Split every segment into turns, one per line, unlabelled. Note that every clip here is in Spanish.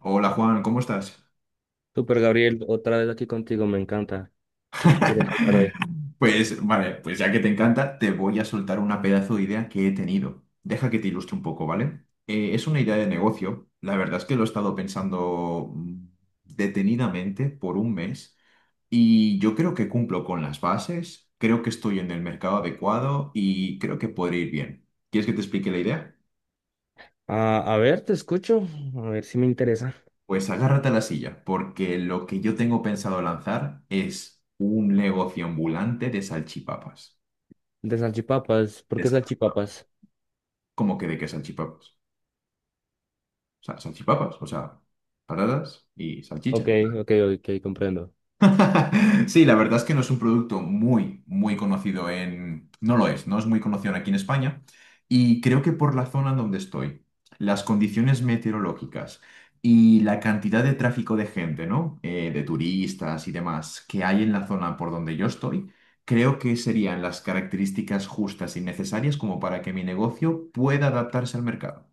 Hola Juan, ¿cómo estás?
Super Gabriel, otra vez aquí contigo, me encanta. ¿Qué quieres hablar hoy?
Pues vale, pues ya que te encanta, te voy a soltar una pedazo de idea que he tenido. Deja que te ilustre un poco, ¿vale? Es una idea de negocio. La verdad es que lo he estado pensando detenidamente por un mes, y yo creo que cumplo con las bases, creo que estoy en el mercado adecuado y creo que podría ir bien. ¿Quieres que te explique la idea?
Ah, a ver, te escucho, a ver si me interesa.
Pues agárrate a la silla, porque lo que yo tengo pensado lanzar es un negocio ambulante de salchipapas.
De salchipapas, ¿por qué
Es
salchipapas?
como que de que salchipapas. O sea, salchipapas, o sea, patatas y salchicha.
Ok, ok, ok, comprendo.
Sí, la verdad es que no es un producto muy, muy conocido en... No lo es, no es muy conocido aquí en España. Y creo que por la zona en donde estoy, las condiciones meteorológicas y la cantidad de tráfico de gente, ¿no? De turistas y demás que hay en la zona por donde yo estoy, creo que serían las características justas y necesarias como para que mi negocio pueda adaptarse al mercado.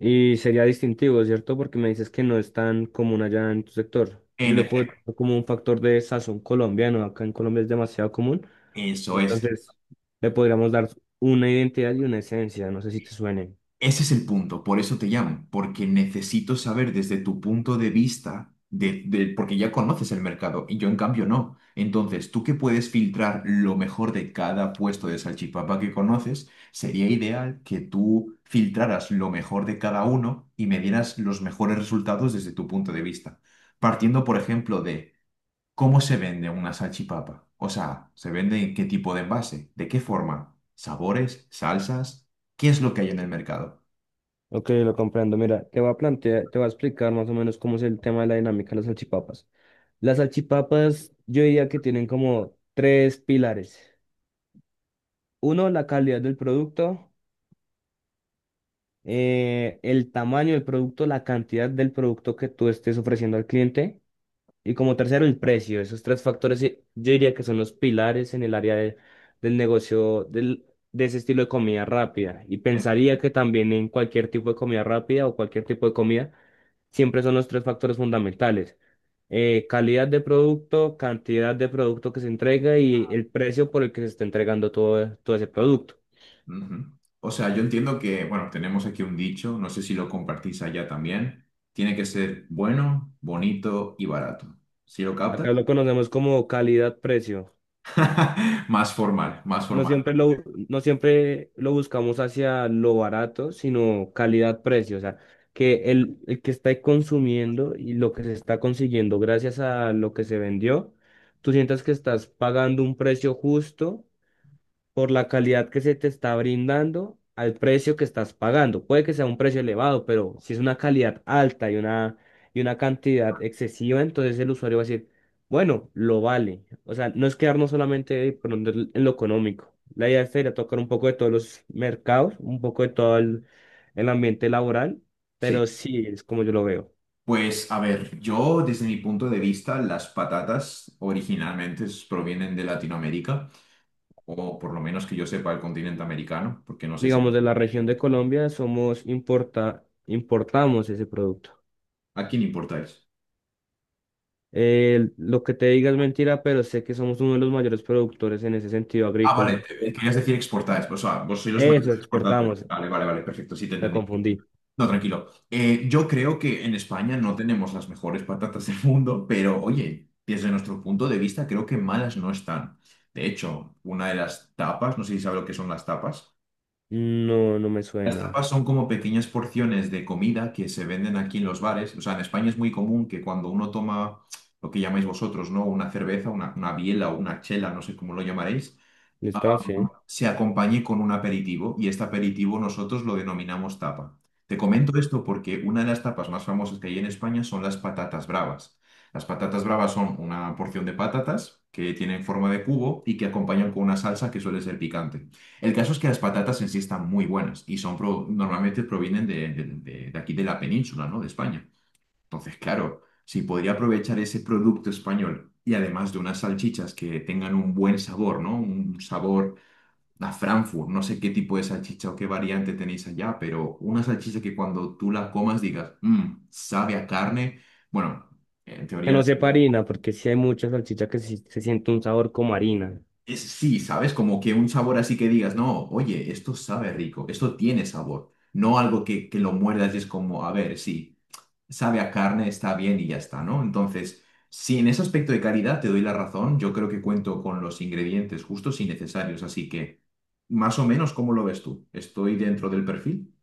Y sería distintivo, ¿cierto? Porque me dices que no es tan común allá en tu sector. Yo le
En
puedo dar como un factor de sazón colombiano, acá en Colombia es demasiado común.
Eso es.
Entonces, le podríamos dar una identidad y una esencia, no sé si te suenen.
Ese es el punto, por eso te llamo, porque necesito saber desde tu punto de vista, porque ya conoces el mercado y yo en cambio no. Entonces, tú que puedes filtrar lo mejor de cada puesto de salchipapa que conoces, sería ideal que tú filtraras lo mejor de cada uno y me dieras los mejores resultados desde tu punto de vista. Partiendo, por ejemplo, de... ¿Cómo se vende una salchipapa? O sea, ¿se vende en qué tipo de envase? ¿De qué forma? ¿Sabores? ¿Salsas? ¿Qué es lo que hay en el mercado?
Ok, lo comprendo. Mira, te voy a plantear, te voy a explicar más o menos cómo es el tema de la dinámica de las salchipapas. Las salchipapas, yo diría que tienen como tres pilares. Uno, la calidad del producto, el tamaño del producto, la cantidad del producto que tú estés ofreciendo al cliente. Y como tercero, el precio. Esos tres factores yo diría que son los pilares en el área del negocio de ese estilo de comida rápida. Y
En-
pensaría que también en cualquier tipo de comida rápida o cualquier tipo de comida, siempre son los tres factores fundamentales. Calidad de producto, cantidad de producto que se entrega y el precio por el que se está entregando todo ese producto.
Ujú. O sea, yo entiendo que, bueno, tenemos aquí un dicho, no sé si lo compartís allá también. Tiene que ser bueno, bonito y barato. ¿Sí lo captas?
Acá lo conocemos como calidad-precio.
Más formal, más
No
formal.
siempre lo, no siempre lo buscamos hacia lo barato, sino calidad-precio. O sea, que el que está consumiendo y lo que se está consiguiendo gracias a lo que se vendió, tú sientas que estás pagando un precio justo por la calidad que se te está brindando al precio que estás pagando. Puede que sea un precio elevado, pero si es una calidad alta y una cantidad excesiva, entonces el usuario va a decir, bueno, lo vale. O sea, no es quedarnos solamente de pronto en lo económico. La idea es ir a tocar un poco de todos los mercados, un poco de todo el ambiente laboral,
Sí.
pero sí es como yo lo veo.
Pues a ver, yo desde mi punto de vista, las patatas originalmente provienen de Latinoamérica, o por lo menos que yo sepa el continente americano, porque no sé si...
Digamos, de la región de Colombia importamos ese producto.
¿A quién importáis?
Lo que te diga es mentira, pero sé que somos uno de los mayores productores en ese sentido
Ah, vale,
agrícola.
querías decir exportáis, pues, o sea, vos sois los mayores
Eso,
exportadores.
exportamos.
Vale, vale, vale, perfecto, sí te
Me
entendí.
confundí.
No, tranquilo. Yo creo que en España no tenemos las mejores patatas del mundo, pero oye, desde nuestro punto de vista creo que malas no están. De hecho, una de las tapas, no sé si sabes lo que son las tapas.
No, no me
Las
suena.
tapas son como pequeñas porciones de comida que se venden aquí en los bares. O sea, en España es muy común que cuando uno toma lo que llamáis vosotros, ¿no? Una cerveza, una biela o una chela, no sé cómo lo llamaréis,
Listo, sí.
se acompañe con un aperitivo y este aperitivo nosotros lo denominamos tapa. Te comento esto porque una de las tapas más famosas que hay en España son las patatas bravas. Las patatas bravas son una porción de patatas que tienen forma de cubo y que acompañan con una salsa que suele ser picante. El caso es que las patatas en sí están muy buenas y son normalmente provienen de aquí de la península, ¿no? De España. Entonces, claro, si podría aprovechar ese producto español y además de unas salchichas que tengan un buen sabor, ¿no? Un sabor la Frankfurt, no sé qué tipo de salchicha o qué variante tenéis allá, pero una salchicha que cuando tú la comas digas, "Mm, sabe a carne, bueno, en
Que no
teoría
sepa harina, porque sí hay mucha salchicha que sí se siente un sabor como harina.
es sí, ¿sabes?" Como que un sabor así que digas, no, oye, esto sabe rico, esto tiene sabor, no algo que, lo muerdas y es como, a ver, sí, sabe a carne, está bien y ya está, ¿no? Entonces, sí, en ese aspecto de calidad te doy la razón, yo creo que cuento con los ingredientes justos y necesarios, así que... Más o menos, ¿cómo lo ves tú? ¿Estoy dentro del perfil?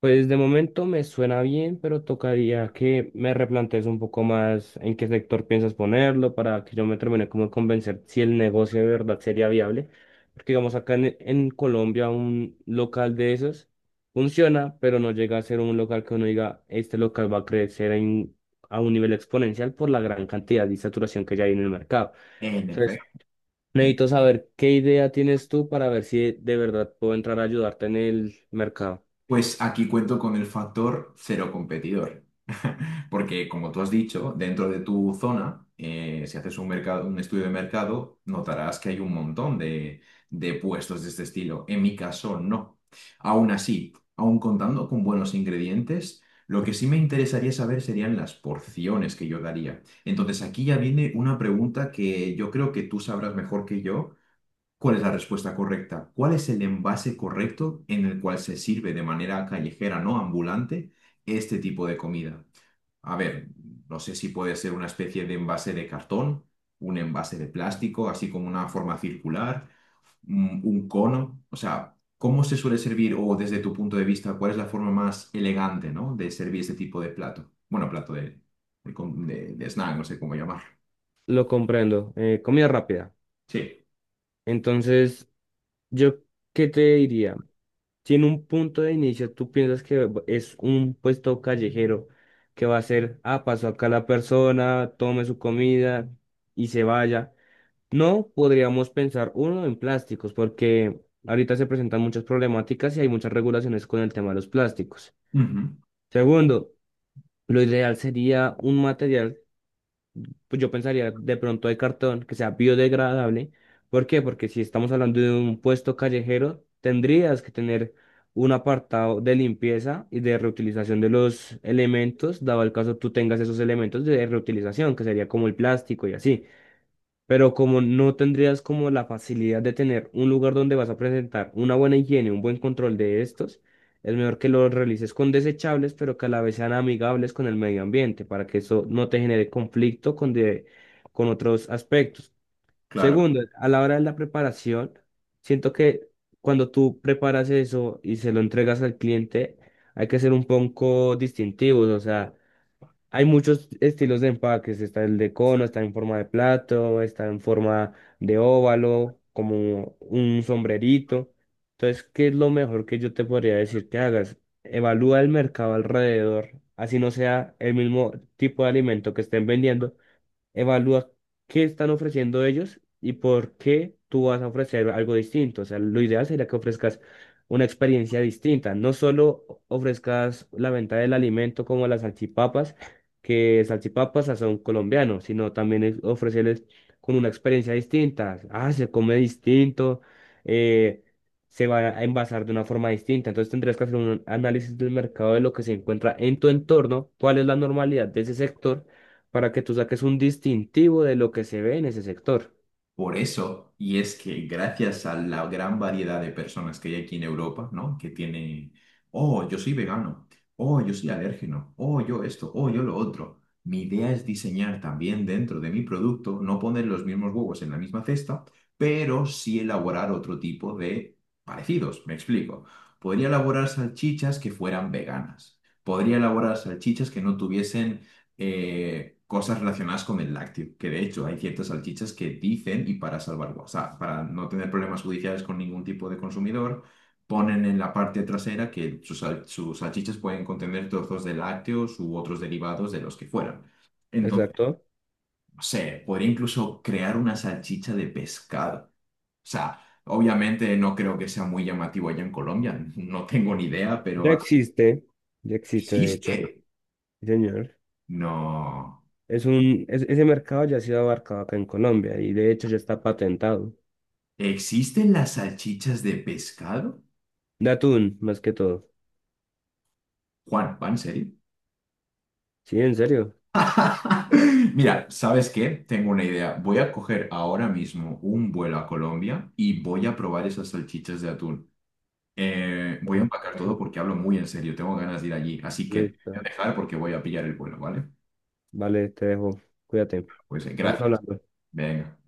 Pues de momento me suena bien, pero tocaría que me replantees un poco más en qué sector piensas ponerlo para que yo me termine como de convencer si el negocio de verdad sería viable. Porque digamos acá en Colombia un local de esos funciona, pero no llega a ser un local que uno diga, este local va a crecer a un nivel exponencial por la gran cantidad de saturación que ya hay en el mercado.
En
Entonces,
efecto. Eh,
necesito saber qué idea tienes tú para ver si de verdad puedo entrar a ayudarte en el mercado.
Pues aquí cuento con el factor cero competidor. Porque, como tú has dicho, dentro de tu zona, si haces un mercado, un estudio de mercado, notarás que hay un montón de puestos de este estilo. En mi caso, no. Aún así, aún contando con buenos ingredientes, lo que sí me interesaría saber serían las porciones que yo daría. Entonces, aquí ya viene una pregunta que yo creo que tú sabrás mejor que yo. ¿Cuál es la respuesta correcta? ¿Cuál es el envase correcto en el cual se sirve de manera callejera, no ambulante, este tipo de comida? A ver, no sé si puede ser una especie de envase de cartón, un envase de plástico, así como una forma circular, un cono. O sea, ¿cómo se suele servir o desde tu punto de vista, cuál es la forma más elegante, ¿no? de servir este tipo de plato? Bueno, plato de, de snack, no sé cómo llamar.
Lo comprendo. Comida rápida.
Sí.
Entonces, ¿yo qué te diría? Si en un punto de inicio tú piensas que es un puesto callejero que va a ser, ah, pasó acá la persona, tome su comida y se vaya. No podríamos pensar, uno, en plásticos, porque ahorita se presentan muchas problemáticas y hay muchas regulaciones con el tema de los plásticos.
Ujú.
Segundo, lo ideal sería un material, pues yo pensaría de pronto de cartón que sea biodegradable. ¿Por qué? Porque si estamos hablando de un puesto callejero, tendrías que tener un apartado de limpieza y de reutilización de los elementos, dado el caso tú tengas esos elementos de reutilización, que sería como el plástico y así. Pero como no tendrías como la facilidad de tener un lugar donde vas a presentar una buena higiene, un buen control de estos, es mejor que lo realices con desechables, pero que a la vez sean amigables con el medio ambiente, para que eso no te genere conflicto con otros aspectos.
Claro.
Segundo, a la hora de la preparación, siento que cuando tú preparas eso y se lo entregas al cliente, hay que ser un poco distintivos, o sea... Hay muchos estilos de empaques, está el de cono, está en forma de plato, está en forma de óvalo, como un sombrerito. Entonces, ¿qué es lo mejor que yo te podría decir que hagas? Evalúa el mercado alrededor, así no sea el mismo tipo de alimento que estén vendiendo, evalúa qué están ofreciendo ellos y por qué tú vas a ofrecer algo distinto. O sea, lo ideal sería que ofrezcas una experiencia distinta. No solo ofrezcas la venta del alimento como las salchipapas, que salchipapas a son colombianos, sino también ofrecerles con una experiencia distinta. Ah, se come distinto, eh, se va a envasar de una forma distinta. Entonces tendrías que hacer un análisis del mercado de lo que se encuentra en tu entorno, cuál es la normalidad de ese sector para que tú saques un distintivo de lo que se ve en ese sector.
Por eso, y es que gracias a la gran variedad de personas que hay aquí en Europa, ¿no? Que tiene, oh, yo soy vegano, oh, yo soy alérgeno, oh, yo esto, oh, yo lo otro. Mi idea es diseñar también dentro de mi producto, no poner los mismos huevos en la misma cesta, pero sí elaborar otro tipo de parecidos. Me explico. Podría elaborar salchichas que fueran veganas. Podría elaborar salchichas que no tuviesen cosas relacionadas con el lácteo, que de hecho hay ciertas salchichas que dicen, y para salvar, o sea, para no tener problemas judiciales con ningún tipo de consumidor, ponen en la parte trasera que sus salchichas pueden contener trozos de lácteos u otros derivados de los que fueran. Entonces,
Exacto.
no sé, podría incluso crear una salchicha de pescado. O sea, obviamente no creo que sea muy llamativo allá en Colombia, no tengo ni idea,
Ya
pero
existe, ya existe de hecho,
existe.
sí, señor.
No.
Es ese mercado ya ha sido abarcado acá en Colombia y de hecho ya está patentado.
¿Existen las salchichas de pescado?
De atún, más que todo.
Juan, ¿va en serio?
Sí, en serio.
Mira, ¿sabes qué? Tengo una idea. Voy a coger ahora mismo un vuelo a Colombia y voy a probar esas salchichas de atún. Voy
Sí,
a empacar todo porque hablo muy en serio. Tengo ganas de ir allí. Así que te
listo.
voy a dejar porque voy a pillar el vuelo, ¿vale?
Vale, te dejo. Cuídate.
Pues
Estamos
gracias.
hablando.
Venga.